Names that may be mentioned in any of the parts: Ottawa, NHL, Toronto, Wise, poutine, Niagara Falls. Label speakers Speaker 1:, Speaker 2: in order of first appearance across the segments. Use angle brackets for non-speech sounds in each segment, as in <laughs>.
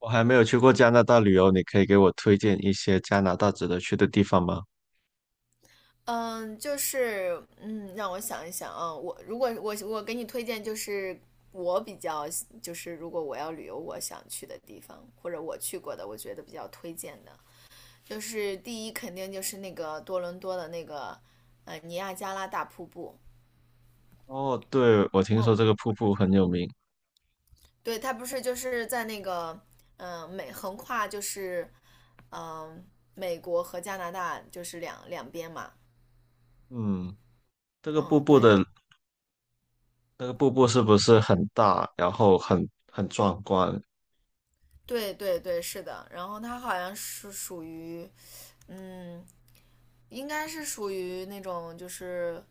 Speaker 1: 我还没有去过加拿大旅游，你可以给我推荐一些加拿大值得去的地方吗？
Speaker 2: 让我想一想啊。我如果我给你推荐，就是我比较就是如果我要旅游，我想去的地方，或者我去过的，我觉得比较推荐的，就是第一肯定就是那个多伦多的那个尼亚加拉大瀑布。
Speaker 1: 哦，对，我听
Speaker 2: 嗯，
Speaker 1: 说这个瀑布很有名。
Speaker 2: 对，它不是就是在那个嗯、呃美横跨就是嗯、呃美国和加拿大就是两边嘛。
Speaker 1: 嗯，这个瀑
Speaker 2: 嗯，
Speaker 1: 布
Speaker 2: 对
Speaker 1: 的那个瀑布是不是很大，然后很壮观？
Speaker 2: 对对对，是的。然后它好像是属于。嗯，应该是属于那种就是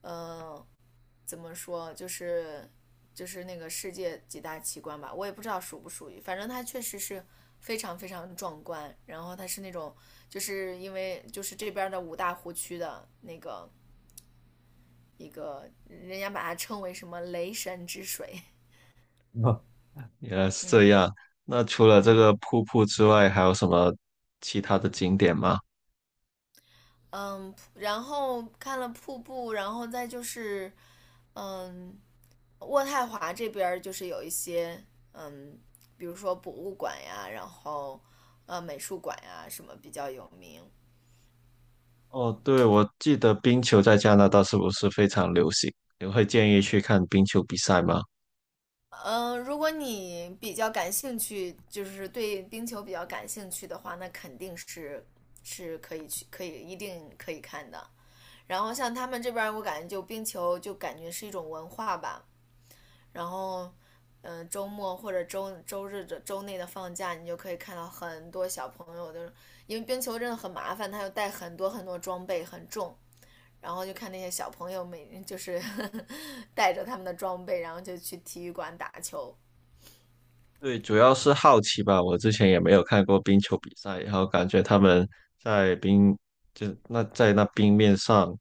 Speaker 2: 呃，怎么说，就是那个世界几大奇观吧，我也不知道属不属于，反正它确实是非常非常壮观。然后它是那种就是因为就是这边的五大湖区的那个一个，人家把它称为什么雷神之水
Speaker 1: <laughs> 哦原
Speaker 2: <laughs>，
Speaker 1: 来是这
Speaker 2: 嗯
Speaker 1: 样。那除了这
Speaker 2: 嗯。
Speaker 1: 个瀑布之外，还有什么其他的景点吗？
Speaker 2: 嗯，然后看了瀑布，然后再就是，嗯，渥太华这边就是有一些，嗯，比如说博物馆呀，然后美术馆呀什么比较有名。
Speaker 1: 哦，对，我记得冰球在加拿大是不是非常流行？你会建议去看冰球比赛吗？
Speaker 2: 嗯，如果你比较感兴趣，就是对冰球比较感兴趣的话，那肯定是可以去，一定可以看的。然后像他们这边我感觉就冰球就感觉是一种文化吧，然后，周末或者周日的周内的放假，你就可以看到很多小朋友，就是因为冰球真的很麻烦，他要带很多很多装备，很重。然后就看那些小朋友每 <laughs> 就是呵呵带着他们的装备，然后就去体育馆打球。
Speaker 1: 对，主要是好奇吧。我之前也没有看过冰球比赛，然后感觉他们在冰，就那在那冰面上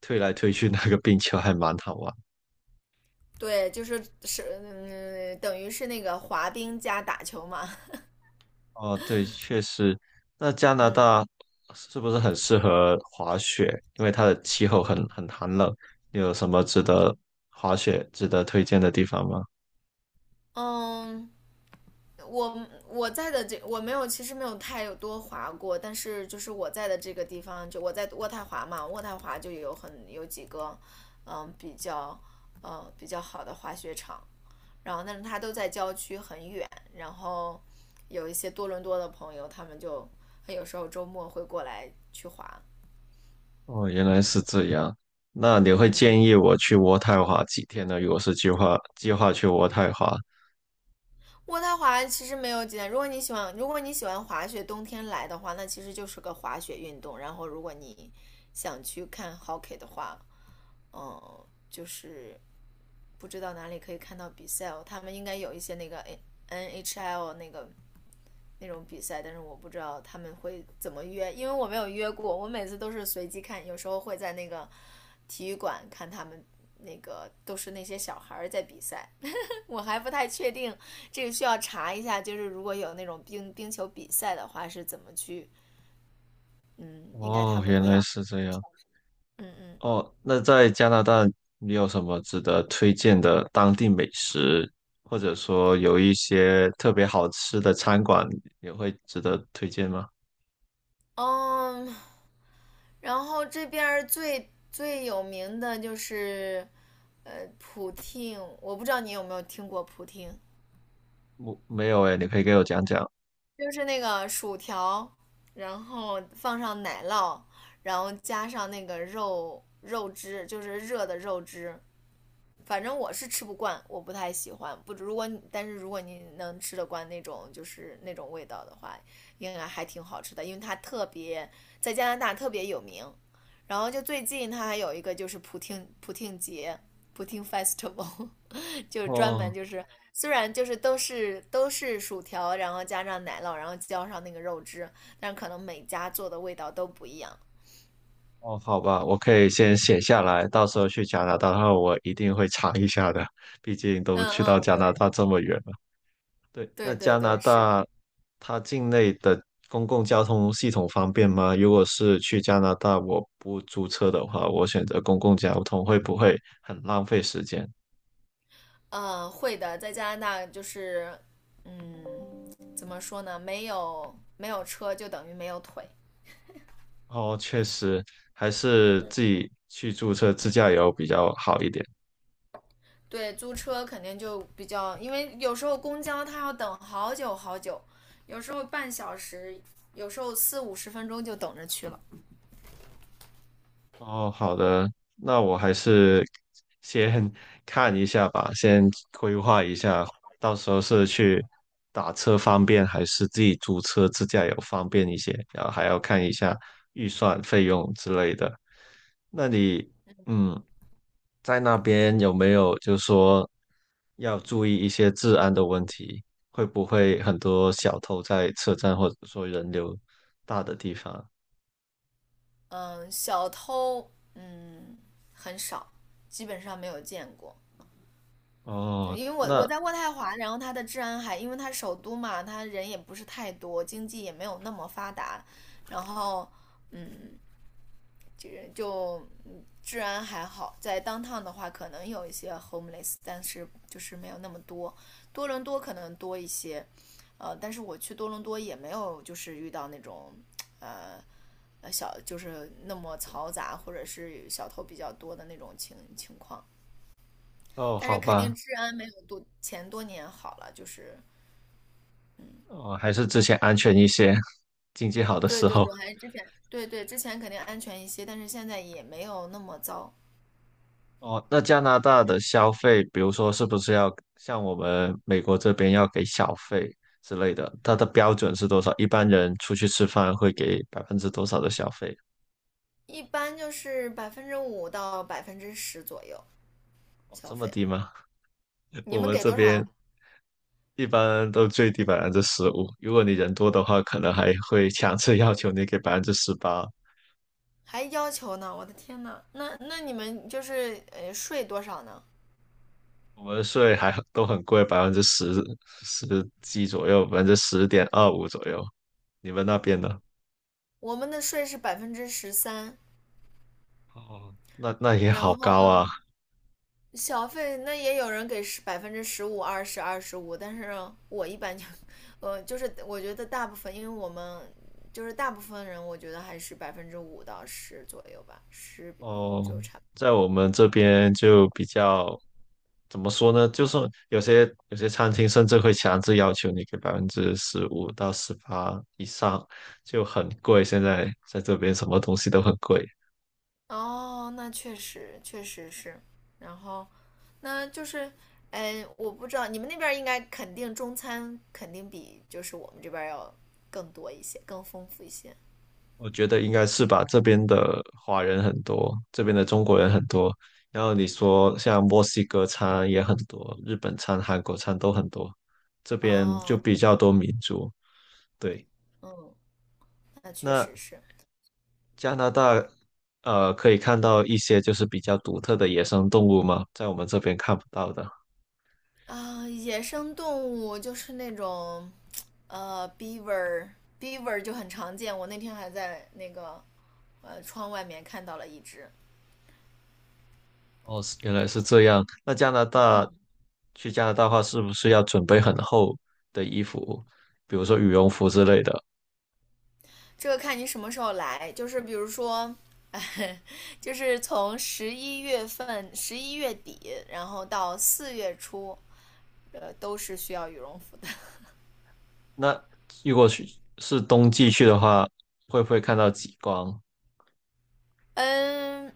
Speaker 1: 推来推去，<laughs> 那个冰球还蛮好玩。
Speaker 2: 对，就是，等于是那个滑冰加打球嘛。
Speaker 1: 哦，对，确实。那加
Speaker 2: <laughs>
Speaker 1: 拿
Speaker 2: 嗯
Speaker 1: 大是不是很适合滑雪？因为它的气候很寒冷。你有什么值得滑雪、值得推荐的地方吗？
Speaker 2: 嗯，我在的这我没有，其实没有太多滑过，但是就是我在的这个地方，就我在渥太华嘛，渥太华就有很有几个，比较比较好的滑雪场，然后但是它都在郊区很远，然后有一些多伦多的朋友，他们就有时候周末会过来去滑，
Speaker 1: 哦，原来是这样。那你
Speaker 2: 嗯
Speaker 1: 会
Speaker 2: 嗯，
Speaker 1: 建议我去渥太华几天呢？如果是计划计划去渥太华，
Speaker 2: 渥太华其实没有几点，如果你喜欢滑雪，冬天来的话，那其实就是个滑雪运动。然后，如果你想去看 hockey 的话，就是不知道哪里可以看到比赛哦。他们应该有一些那个 NHL 那个那种比赛，但是我不知道他们会怎么约，因为我没有约过。我每次都是随机看，有时候会在那个体育馆看他们那个都是那些小孩在比赛。我还不太确定，这个需要查一下。就是如果有那种冰球比赛的话，是怎么去？嗯，应该他
Speaker 1: 哦，
Speaker 2: 们
Speaker 1: 原
Speaker 2: 会
Speaker 1: 来
Speaker 2: 要，
Speaker 1: 是这样。
Speaker 2: 嗯嗯
Speaker 1: 哦，那在加拿大，你有什么值得推荐的当地美食，或者说有一些特别好吃的餐馆，也会值得推荐吗？
Speaker 2: 嗯。然后这边儿最有名的就是，普汀，我不知道你有没有听过普汀，
Speaker 1: 我没有诶，你可以给我讲讲。
Speaker 2: 就是那个薯条，然后放上奶酪，然后加上那个肉汁，就是热的肉汁，反正我是吃不惯，我不太喜欢。不，但是如果你能吃得惯那种就是那种味道的话，应该还挺好吃的，因为它特别在加拿大特别有名。然后就最近它还有一个就是普听节普听 festival，<laughs> 就是专门
Speaker 1: 哦
Speaker 2: 就是虽然就是都是薯条，然后加上奶酪，然后浇上那个肉汁，但是可能每家做的味道都不一样。
Speaker 1: 哦，好吧，我可以先写下来，到时候去加拿大的话，我一定会尝一下的，毕竟都
Speaker 2: 嗯
Speaker 1: 去到
Speaker 2: 嗯，
Speaker 1: 加拿
Speaker 2: 对
Speaker 1: 大这么远。对，那
Speaker 2: 对对
Speaker 1: 加拿
Speaker 2: 对，是的。
Speaker 1: 大它境内的公共交通系统方便吗？如果是去加拿大，我不租车的话，我选择公共交通会不会很浪费时间？
Speaker 2: 嗯，会的，在加拿大就是，嗯，怎么说呢？没有车就等于没有腿。
Speaker 1: 哦，确实，还是自己去租车自驾游比较好一点。
Speaker 2: 对，租车肯定就比较，因为有时候公交它要等好久好久，有时候半小时，有时候四五十分钟就等着去了。
Speaker 1: 哦，好的，那我还是先 <laughs> 看一下吧，先规划一下，到时候是去打车方便，还是自己租车自驾游方便一些，然后还要看一下预算、费用之类的。那你，嗯，在那边有没有就说要注意一些治安的问题？会不会很多小偷在车站或者说人流大的地方？
Speaker 2: 嗯，小偷，很少，基本上没有见过。
Speaker 1: 哦，
Speaker 2: 因为我
Speaker 1: 那
Speaker 2: 在渥太华，然后它的治安还，因为它首都嘛，它人也不是太多，经济也没有那么发达，然后嗯，这个就治安还好。在 downtown 的话，可能有一些 homeless，但是就是没有那么多。多伦多可能多一些，但是我去多伦多也没有就是遇到那种呃小就是那么嘈杂或者是小偷比较多的那种况。
Speaker 1: 哦，
Speaker 2: 但
Speaker 1: 好
Speaker 2: 是肯定
Speaker 1: 吧。
Speaker 2: 治安没有多年好了，就是
Speaker 1: 哦，还是之前安全一些，经济好的
Speaker 2: 对
Speaker 1: 时
Speaker 2: 对
Speaker 1: 候。
Speaker 2: 对，还是之前之前肯定安全一些，但是现在也没有那么糟，
Speaker 1: 哦，那加拿大的消费，比如说是不是要像我们美国这边要给小费之类的？它的标准是多少？一般人出去吃饭会给百分之多少的小费？
Speaker 2: 一般就是百分之五到百分之十左右
Speaker 1: 哦，
Speaker 2: 消
Speaker 1: 这么
Speaker 2: 费。
Speaker 1: 低吗？<laughs>
Speaker 2: 你
Speaker 1: 我
Speaker 2: 们
Speaker 1: 们
Speaker 2: 给
Speaker 1: 这
Speaker 2: 多少啊？
Speaker 1: 边一般都最低百分之十五，如果你人多的话，可能还会强制要求你给18%。
Speaker 2: 还要求呢？我的天呐，那那你们就是税多少呢？
Speaker 1: 我们税还都很贵，百分之十几左右，10.25%左右。你们那边呢？
Speaker 2: 我们的税是13%，
Speaker 1: 哦，那那也好
Speaker 2: 然
Speaker 1: 高
Speaker 2: 后
Speaker 1: 啊。
Speaker 2: 小费那也有人给15%、二十、25，但是我一般就，就是我觉得大部分，因为我们就是大部分人，我觉得还是百分之五到十左右吧，十比
Speaker 1: 哦，在我们这边就比较怎么说呢？就是有些餐厅甚至会强制要求你给15%到18%以上，就很贵。现在在这边什么东西都很贵，
Speaker 2: 哦，那确实确实是，然后那就是，哎，我不知道你们那边应该肯定中餐肯定比就是我们这边要更多一些，更丰富一些，
Speaker 1: 我觉得应该是吧。这边的华人很多，这边的中国人
Speaker 2: 嗯，
Speaker 1: 很多，然后你说像墨西哥餐也很多，日本餐、韩国餐都很多，这边就
Speaker 2: 哦，
Speaker 1: 比
Speaker 2: 对
Speaker 1: 较多民族，对。
Speaker 2: 嗯，那
Speaker 1: 那
Speaker 2: 确实是。
Speaker 1: 加拿大，呃，可以看到一些就是比较独特的野生动物吗？在我们这边看不到的。
Speaker 2: 啊，野生动物就是那种，呃，beaver beaver 就很常见。我那天还在那个，窗外面看到了一只。
Speaker 1: 哦，原来是这样。那加拿大，去加拿大的话，是不是要准备很厚的衣服，比如说羽绒服之类的？
Speaker 2: 这个看你什么时候来，就是比如说，<laughs> 哎就是从11月份、11月底，然后到4月初，都是需要羽绒服的。
Speaker 1: 那如果去是冬季去的话，会不会看到极光？
Speaker 2: <laughs> 嗯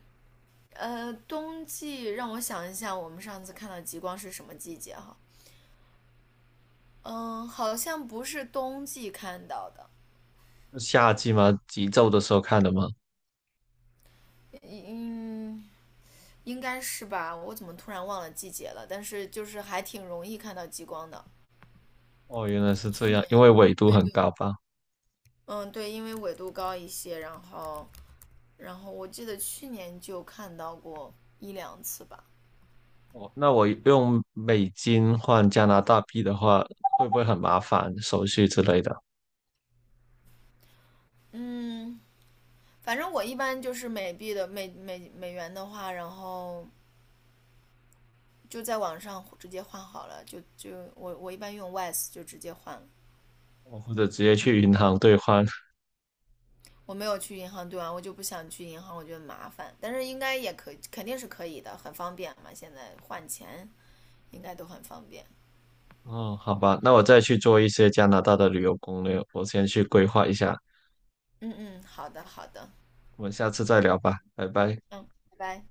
Speaker 2: 冬季让我想一下，我们上次看到极光是什么季节哈？嗯，好像不是冬季看到的，
Speaker 1: 是夏季吗？极昼的时候看的吗？
Speaker 2: 嗯，应该是吧？我怎么突然忘了季节了？但是就是还挺容易看到极光的。
Speaker 1: 哦，原来是
Speaker 2: 去
Speaker 1: 这
Speaker 2: 年，
Speaker 1: 样，因为纬度
Speaker 2: 对
Speaker 1: 很
Speaker 2: 对，
Speaker 1: 高吧。
Speaker 2: 嗯，对，因为纬度高一些，然后，然后我记得去年就看到过一两次吧。
Speaker 1: 哦，那我用美金换加拿大币的话，会不会很麻烦手续之类的？
Speaker 2: 嗯，反正我一般就是美元的话，然后就在网上直接换好了，就我一般用 Wise 就直接换了。
Speaker 1: 哦，或者直接去银行兑换？
Speaker 2: 我没有去银行兑完，我就不想去银行，我觉得麻烦。但是应该也可以，肯定是可以的，很方便嘛。现在换钱应该都很方便。
Speaker 1: 哦，好吧，那我再去做一些加拿大的旅游攻略，我先去规划一下，
Speaker 2: 嗯嗯，好的好的，
Speaker 1: 我们下次再聊吧，拜拜。
Speaker 2: 嗯，拜拜。